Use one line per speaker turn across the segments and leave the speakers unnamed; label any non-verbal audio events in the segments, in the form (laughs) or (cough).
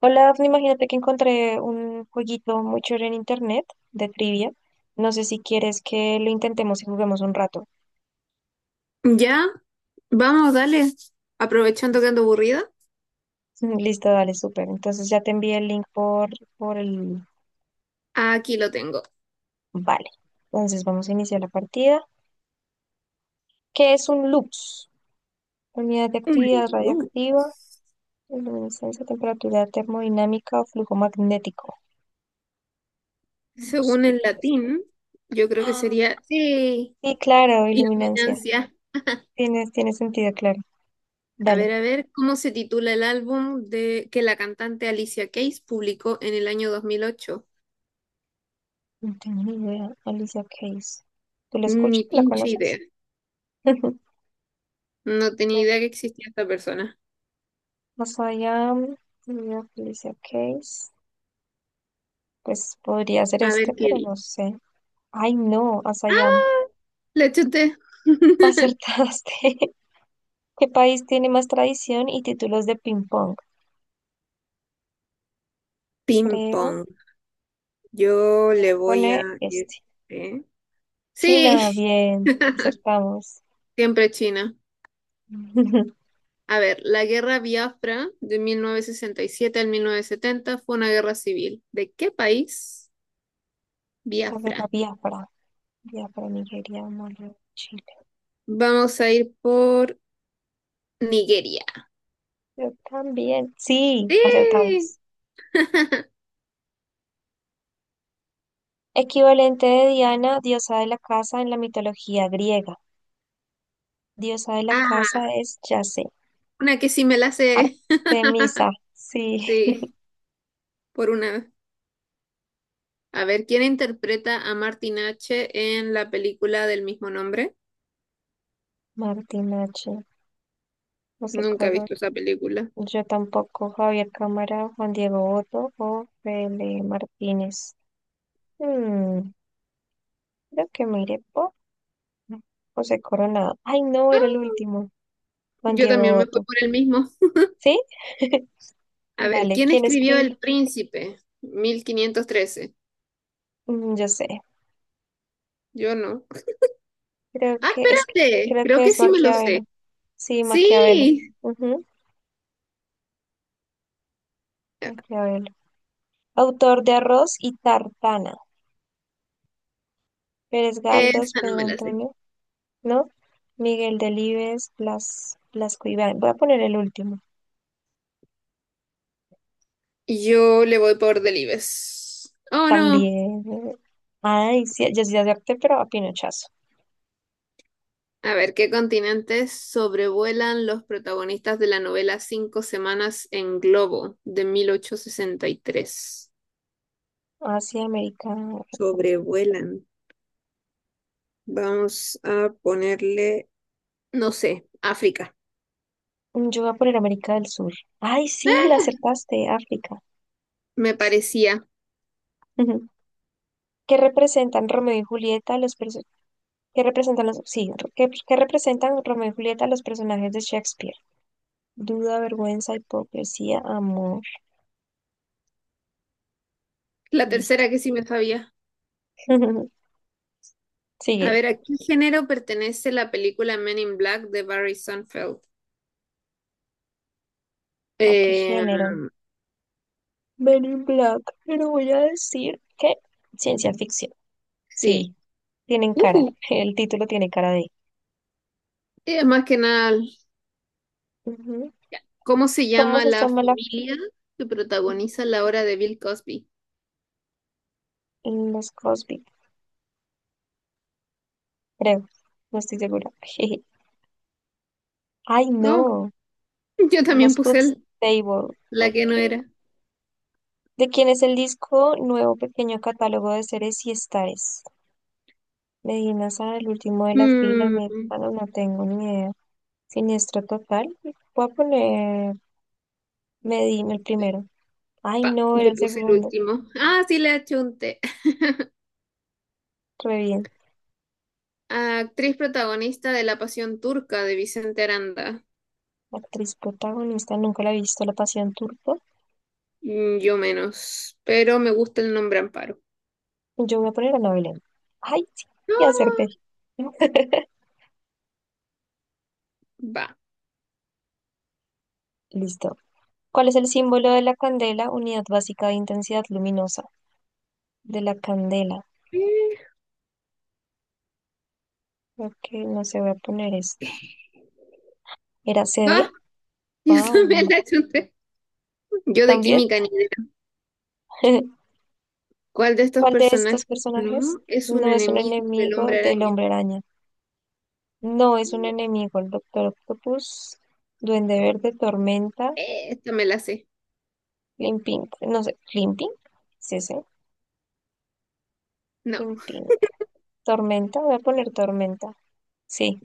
Hola, Dafne, imagínate que encontré un jueguito muy chévere en internet de trivia. No sé si quieres que lo intentemos y juguemos un rato.
Ya, vamos, dale. Aprovechando que
(laughs)
ando aburrida,
Listo, dale, súper. Entonces ya te envié el link por el...
aquí lo tengo.
Vale. Entonces vamos a iniciar la partida. ¿Qué es un lux? Unidad de
Un
actividad
menú.
radioactiva, luminiscencia, temperatura termodinámica o flujo magnético. Lux,
Según
creo
el
que es esta. (gasps)
latín, yo creo que
Ah,
sería sí.
sí, claro, iluminancia.
Ignorancia.
Tiene sentido, claro. Dale.
A ver, ¿cómo se titula el álbum de que la cantante Alicia Keys publicó en el año 2008?
No tengo ni idea. Alicia Keys. ¿Tú la
Ni
escuchas? ¿La
pinche idea.
conoces? (laughs)
No tenía
Bueno,
idea que existía esta persona.
más allá, Alicia Keys. Pues podría ser
A
este,
ver qué
pero no
dice.
sé. Ay, no, Asayam.
¡Ah! La chuté. (laughs)
Acertaste. (laughs) ¿Qué país tiene más tradición y títulos de ping pong?
Ping pong.
Creo
Yo
que voy
le
a
voy a
poner este.
este.
China,
Sí,
bien, acertamos.
(laughs) siempre China.
(laughs)
A ver, la guerra Biafra de 1967 al 1970 fue una guerra civil. ¿De qué país?
La guerra
Biafra.
Biafra. Biafra, Nigeria, Mali, Chile.
Vamos a ir por Nigeria.
Yo también. Sí,
¡Sí!
acertamos. Equivalente de Diana, diosa de la casa en la mitología griega. Diosa de la casa
Ah,
es, ya sé,
una que sí me la sé. (laughs)
Artemisa. Sí.
Sí, por una. A ver, ¿quién interpreta a Martin H. en la película del mismo nombre?
(laughs) Martín H. No sé
Nunca he
cómo.
visto esa película.
Yo tampoco, Javier Cámara, Juan Diego Otto o Fele Martínez. Hmm, creo que me iré por José Coronado. Ay, no, era el
Ah,
último. Juan
yo
Diego
también me fui
Otto.
por el mismo.
¿Sí? (laughs)
A ver,
Dale,
¿quién
¿quién
escribió
escribió?
El Príncipe? 1513.
Yo sé.
Yo no.
Creo
Ah,
que es,
espérate,
creo
creo
que
que
es
sí me lo
Maquiavelo.
sé.
Sí, Maquiavelo.
Sí,
Ujú, Maquiavelo. Autor de Arroz y Tartana. Pérez Galdós,
esta no me
Pedro
la sé.
Antonio, ¿no? Miguel Delibes, Blasco Ibáñez. Voy a poner el último.
Yo le voy por Delibes. Oh, no.
También. Ay, sí, ya sí acepté, pero a pinochazo.
A ver, ¿qué continentes sobrevuelan los protagonistas de la novela Cinco Semanas en Globo de 1863?
Asia, América.
Sobrevuelan. Vamos a ponerle, no sé, África.
Yo voy a poner América del Sur. Ay, sí, la acertaste, África.
Me parecía.
Ujú. ¿Qué representan Romeo y Julieta, los personajes? ¿Qué representan los, sí, qué representan Romeo y Julieta, los personajes de Shakespeare? Duda, vergüenza, hipocresía, amor.
La
Listo.
tercera que sí me sabía.
(laughs)
A
Sigue.
ver, ¿a qué género pertenece la película Men in Black de Barry Sunfeld?
¿A qué género? Men in Black. Pero voy a decir que ciencia ficción.
Sí.
Sí, tienen cara.
Ujú.
El título tiene cara de.
Es más que nada,
Ujú.
ya. ¿Cómo se
¿Cómo
llama
se
la
llama
familia que protagoniza la obra de Bill Cosby?
los Cosby? Creo. No estoy segura. (laughs) Ay,
Oh,
no.
(laughs) yo también
Los
puse
Hoops
el-
Table.
la que no
Ok.
era.
¿De quién es el disco Nuevo Pequeño Catálogo de Seres y Estares? Medina Sara, el último de la fila,
Mm,
bueno, no tengo ni idea. Siniestro total. Voy a poner Medina el primero. Ay,
pa,
no, era
yo
el
puse el
segundo.
último. Ah, sí, le achunté. (laughs)
Re bien.
Actriz protagonista de La Pasión Turca de Vicente Aranda.
Actriz protagonista, nunca la he visto, La Pasión Turco.
Yo menos, pero me gusta el nombre Amparo.
Yo voy a poner a Ana Belén. Ay, sí, y acerté.
Ah,
(laughs)
va.
Listo. ¿Cuál es el símbolo de la candela? Unidad básica de intensidad luminosa. De la candela.
Eh,
Ok, no se, voy a poner este. ¿Era cd.
Ah, (laughs) yo también
Wow.
la achunté. Yo de
También.
química ni
(laughs)
¿cuál de estos
¿Cuál de estos
personajes
personajes
no es un
no es un
enemigo del
enemigo
hombre
del
araña?
Hombre Araña? No es un enemigo el Doctor Octopus, Duende Verde, Tormenta,
Esta me la sé.
Limpink, no sé, Limpink, sí, sí,
No.
Limpink, Tormenta, voy a poner Tormenta, sí,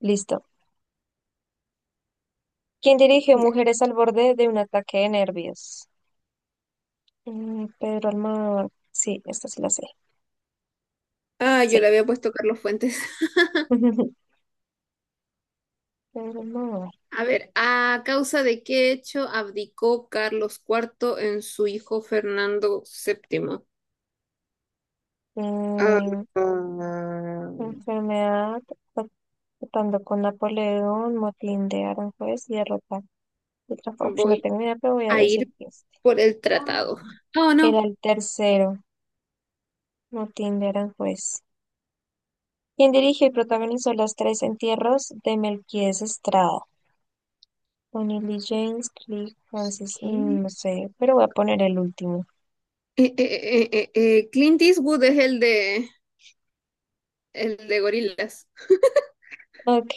listo. ¿Quién dirigió
Ya.
Mujeres al borde de un ataque de nervios? Pedro Almodóvar, sí, esta sí la sé,
Ah, yo
sí.
le había puesto Carlos Fuentes. (laughs)
(laughs) Pedro Almodóvar.
A ver, ¿a causa de qué hecho abdicó Carlos Cuarto en su hijo Fernando VII? Ah,
Mm,
ah,
enfermedad, tratando con Napoleón, motín de Aranjuez y derrota otra, Trafalgar. No
voy
tengo idea, pero voy a
a
decir
ir
que este.
por el
Ah.
tratado. Oh,
Era
no.
el tercero, motín de Aranjuez. ¿Quien dirigió y protagonizó las tres entierros de Melquíades Estrada? Tony Lee James, Cliff Francis,
¿Qué?
mm, no sé, pero voy a poner el último.
Clint Eastwood es el de gorilas.
Ok,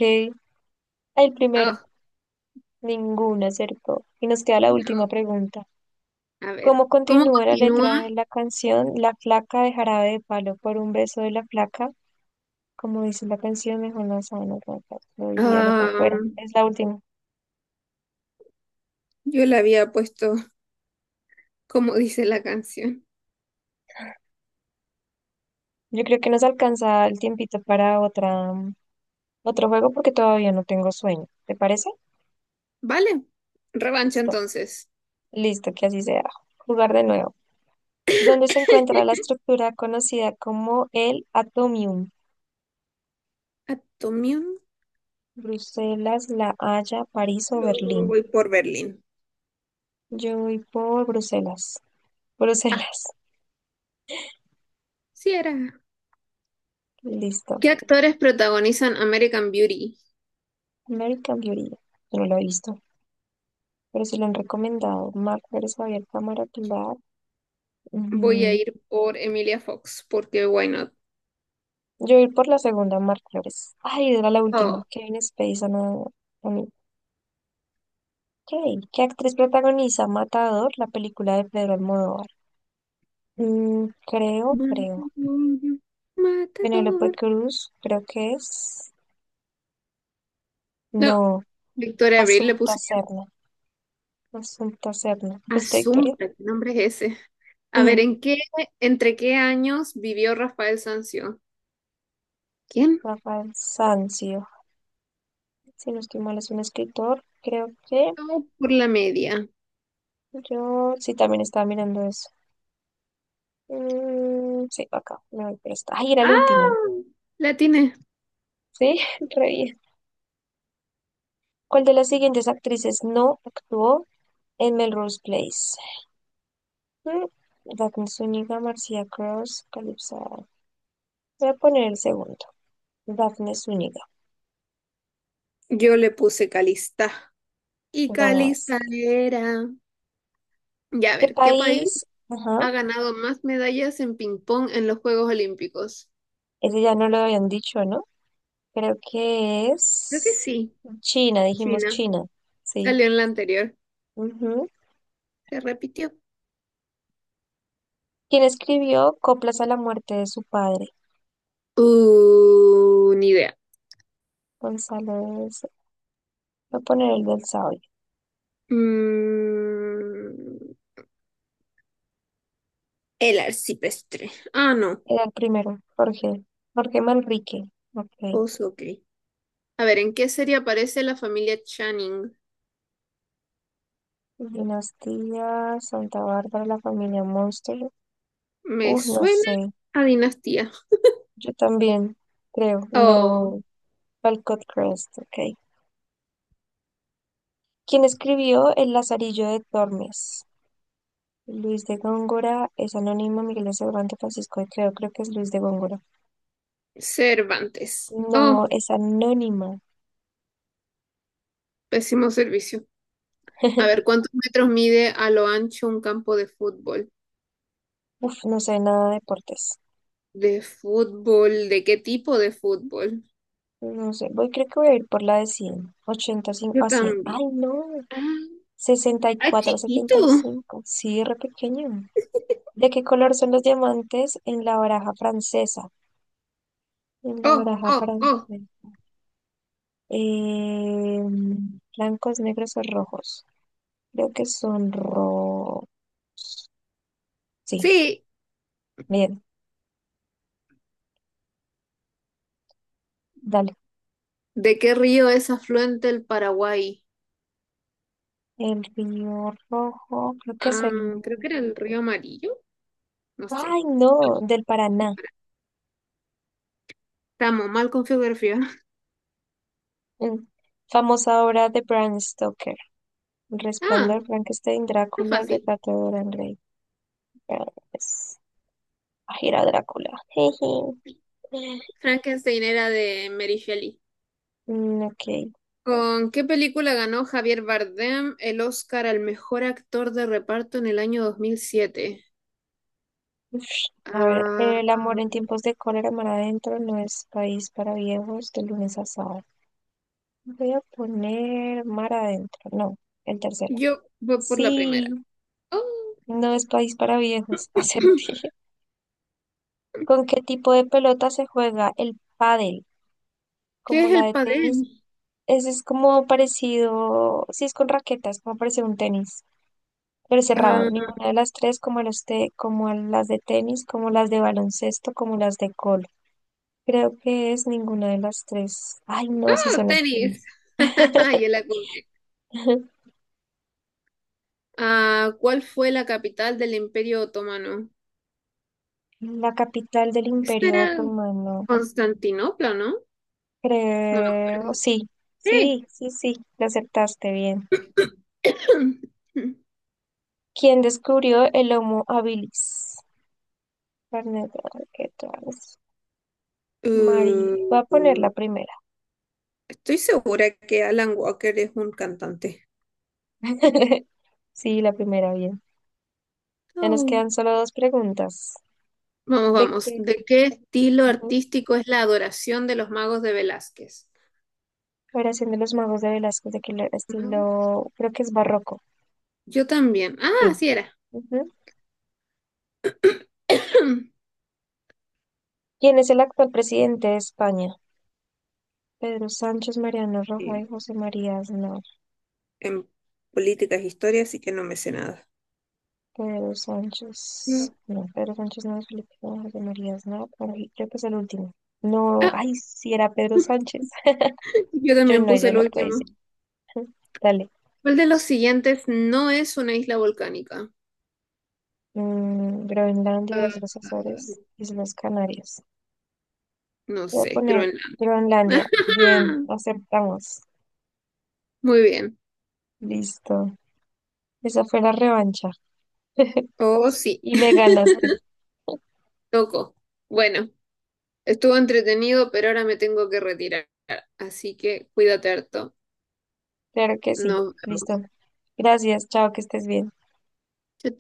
el primero,
Ah,
ninguno acertó. Y nos queda la última
no.
pregunta.
A ver,
¿Cómo
¿cómo
continúa la
continúa?
letra de la canción La flaca de jarabe de palo por un beso de la flaca? Como dice la canción, mejor no saben rotas, lo diría lo que
Ah,
fuera. Es la última.
yo le había puesto, como dice la canción.
Yo creo que nos alcanza el tiempito para otro juego porque todavía no tengo sueño. ¿Te parece?
Vale, revancha
Listo.
entonces.
Listo, que así sea. Jugar de nuevo. ¿Dónde se encuentra la estructura conocida como el Atomium?
Atomium,
Bruselas, La Haya, París o
luego
Berlín.
voy por Berlín.
Yo voy por Bruselas.
Ah,
Bruselas.
sí era.
Listo.
¿Qué actores protagonizan American Beauty?
American Beauty. Yo no lo he visto, pero sí lo han recomendado. Mark Pérez, Javier Cámara.
Voy a
Ujú.
ir por Emilia Fox, porque why not?
Yo ir por la segunda, Mar Flores. Ay, era la
Oh.
última. Kevin Spacey, Ana. Ok. ¿Qué actriz protagoniza Matador, la película de Pedro Almodóvar? Mm, creo,
Matador,
creo. Penélope
matador.
Cruz, creo que es.
No,
No,
Victoria Abril le
Asunta
puse yo.
Serna. Asunta Serna. ¿Pusiste Victoria?
Asunta, ¿qué nombre es ese? A ver,
Ujú.
entre qué años vivió Rafael Sanzio? ¿Quién?
Rafael Sanzio. Si no estoy mal, es un escritor. Creo que
No, por la media.
yo sí también estaba mirando eso. Mm, sí, acá. Me voy por esta. Ay, era el último.
Ah, la tiene.
Sí, (laughs) re bien. ¿Cuál de las siguientes actrices no actuó en Melrose Place? Mm, Daphne Zúñiga, Marcia Cross, Calypso. Voy a poner el segundo. Daphne Zúñiga.
Yo le puse Calista. Y Calista
Ganaste.
era. Ya a
¿Qué
ver, ¿qué país
país? Ajá.
ha ganado más medallas en ping pong en los Juegos Olímpicos?
Ese ya no lo habían dicho, ¿no? Creo que
Creo que
es
sí,
China, dijimos
China.
China. Sí.
Salió en la anterior.
Ujú.
Se repitió.
¿Quién escribió Coplas a la muerte de su padre?
Ni idea.
Gonzalo. de- Voy a poner el del sabio.
Mm, el arcipreste. Ah, no.
Era el primero. Jorge. Jorge Manrique. Ok.
Oso, ok. A ver, ¿en qué serie aparece la familia Channing?
Dinastía Santa Bárbara, la familia Monster.
Me
No
suena
sé.
a dinastía.
Yo también creo.
Oh.
No. Walcott Crest, ok. ¿Quién escribió El Lazarillo de Tormes? Luis de Góngora, es anónima, Miguel de Cervantes, Francisco de Quevedo, creo que es Luis de Góngora.
Cervantes. Oh,
No, es anónima.
pésimo servicio. A ver, ¿cuántos metros mide a lo ancho un campo de fútbol?
Uf, no sé nada de deportes.
¿De fútbol? ¿De qué tipo de fútbol?
No sé, creo que voy a ir por la de 100. 85
Yo
a 100.
también.
Ay, no.
Ah,
sesenta y
ah,
cuatro a
chiquito.
75. Sí, re pequeño. ¿De qué color son los diamantes en la baraja francesa? En la
Oh,
baraja
oh, oh.
francesa. Eh, blancos, negros o rojos. Creo que son rojos. Sí,
Sí.
bien, dale.
¿De qué río es afluente el Paraguay?
El río rojo, creo que es
Ah,
el...
creo que era el río Amarillo. No
Ay,
sé.
no, del Paraná.
Estamos mal con geografía. (laughs)
Mm. Famosa obra de Bram Stoker.
Ah,
Resplandor, Frankenstein,
está
Drácula, el
fácil.
retrato de Dorian Gray. Ah, pues, ay, era Drácula. (laughs) Jeje.
Frankenstein era de Mary Shelley.
Mm, ok.
¿Con qué película ganó Javier Bardem el Oscar al mejor actor de reparto en el año 2007?
Uf, a ver,
Ah,
el amor en tiempos de cólera, mar adentro, no es país para viejos, de lunes a sábado. Voy a poner mar adentro, no, el tercero.
yo voy por la
Sí,
primera. Oh,
no es país para viejos, (laughs)
(clears throat)
acerté. ¿Con qué tipo de pelota se juega el pádel?
¿qué
Como
es
la
el
de tenis.
padel?
Ese es como parecido, sí es con raquetas, como parecido a un tenis, pero cerrado.
Ah,
Ninguna de las tres, como las de tenis, como las de baloncesto, como las de cólera. Creo que es ninguna de las tres. Ay, no, si
oh,
son las
tenis.
tenis.
(laughs) Ya la conté.
(laughs)
Ah, ¿cuál fue la capital del Imperio Otomano?
La capital del
Esta
Imperio
era
Otomano.
Constantinopla, ¿no? No me
Creo,
acuerdo.
sí,
Sí.
sí, sí, sí, lo aceptaste bien.
(clears throat)
¿Quién descubrió el Homo habilis? Carnet, ay, ¿qué tal? María. Voy a poner la
Uh,
primera.
estoy segura que Alan Walker es un cantante.
(laughs) Sí, la primera, bien. Ya nos
Oh.
quedan solo 2 preguntas.
Vamos,
¿De
vamos.
qué?
¿De qué estilo
Ujú.
artístico es la adoración de los magos de Velázquez?
Oración de los magos de Velasco, de qué
Magos.
estilo, creo que es barroco.
Yo también. Ah,
Sí.
así era.
Ujú.
(clears throat)
¿Quién es el actual presidente de España? Pedro Sánchez, Mariano Rajoy,
Sí,
José María Aznar.
en política es historia, así que no me sé nada.
Pedro
Mm.
Sánchez. No, Pedro Sánchez no es Felipe, González, José María Aznar, por ahí, creo que es el último. No,
Ah,
ay, si era Pedro
(laughs)
Sánchez. (laughs)
yo
Yo
también
no,
puse
yo
el
no puede ser.
último.
(laughs) Dale.
¿Cuál de los siguientes no es una isla volcánica?
Groenlandia, Islas Azores, Islas Canarias.
No
Voy a
sé,
poner
Groenlandia.
Groenlandia. Bien,
(laughs)
aceptamos.
Muy bien.
Listo. Esa fue la revancha.
Oh, sí,
Y me
(laughs)
ganaste.
tocó. Bueno, estuvo entretenido, pero ahora me tengo que retirar. Así que cuídate harto.
Claro que sí.
Nos vemos.
Listo. Gracias. Chao, que estés bien.
Chao, chao.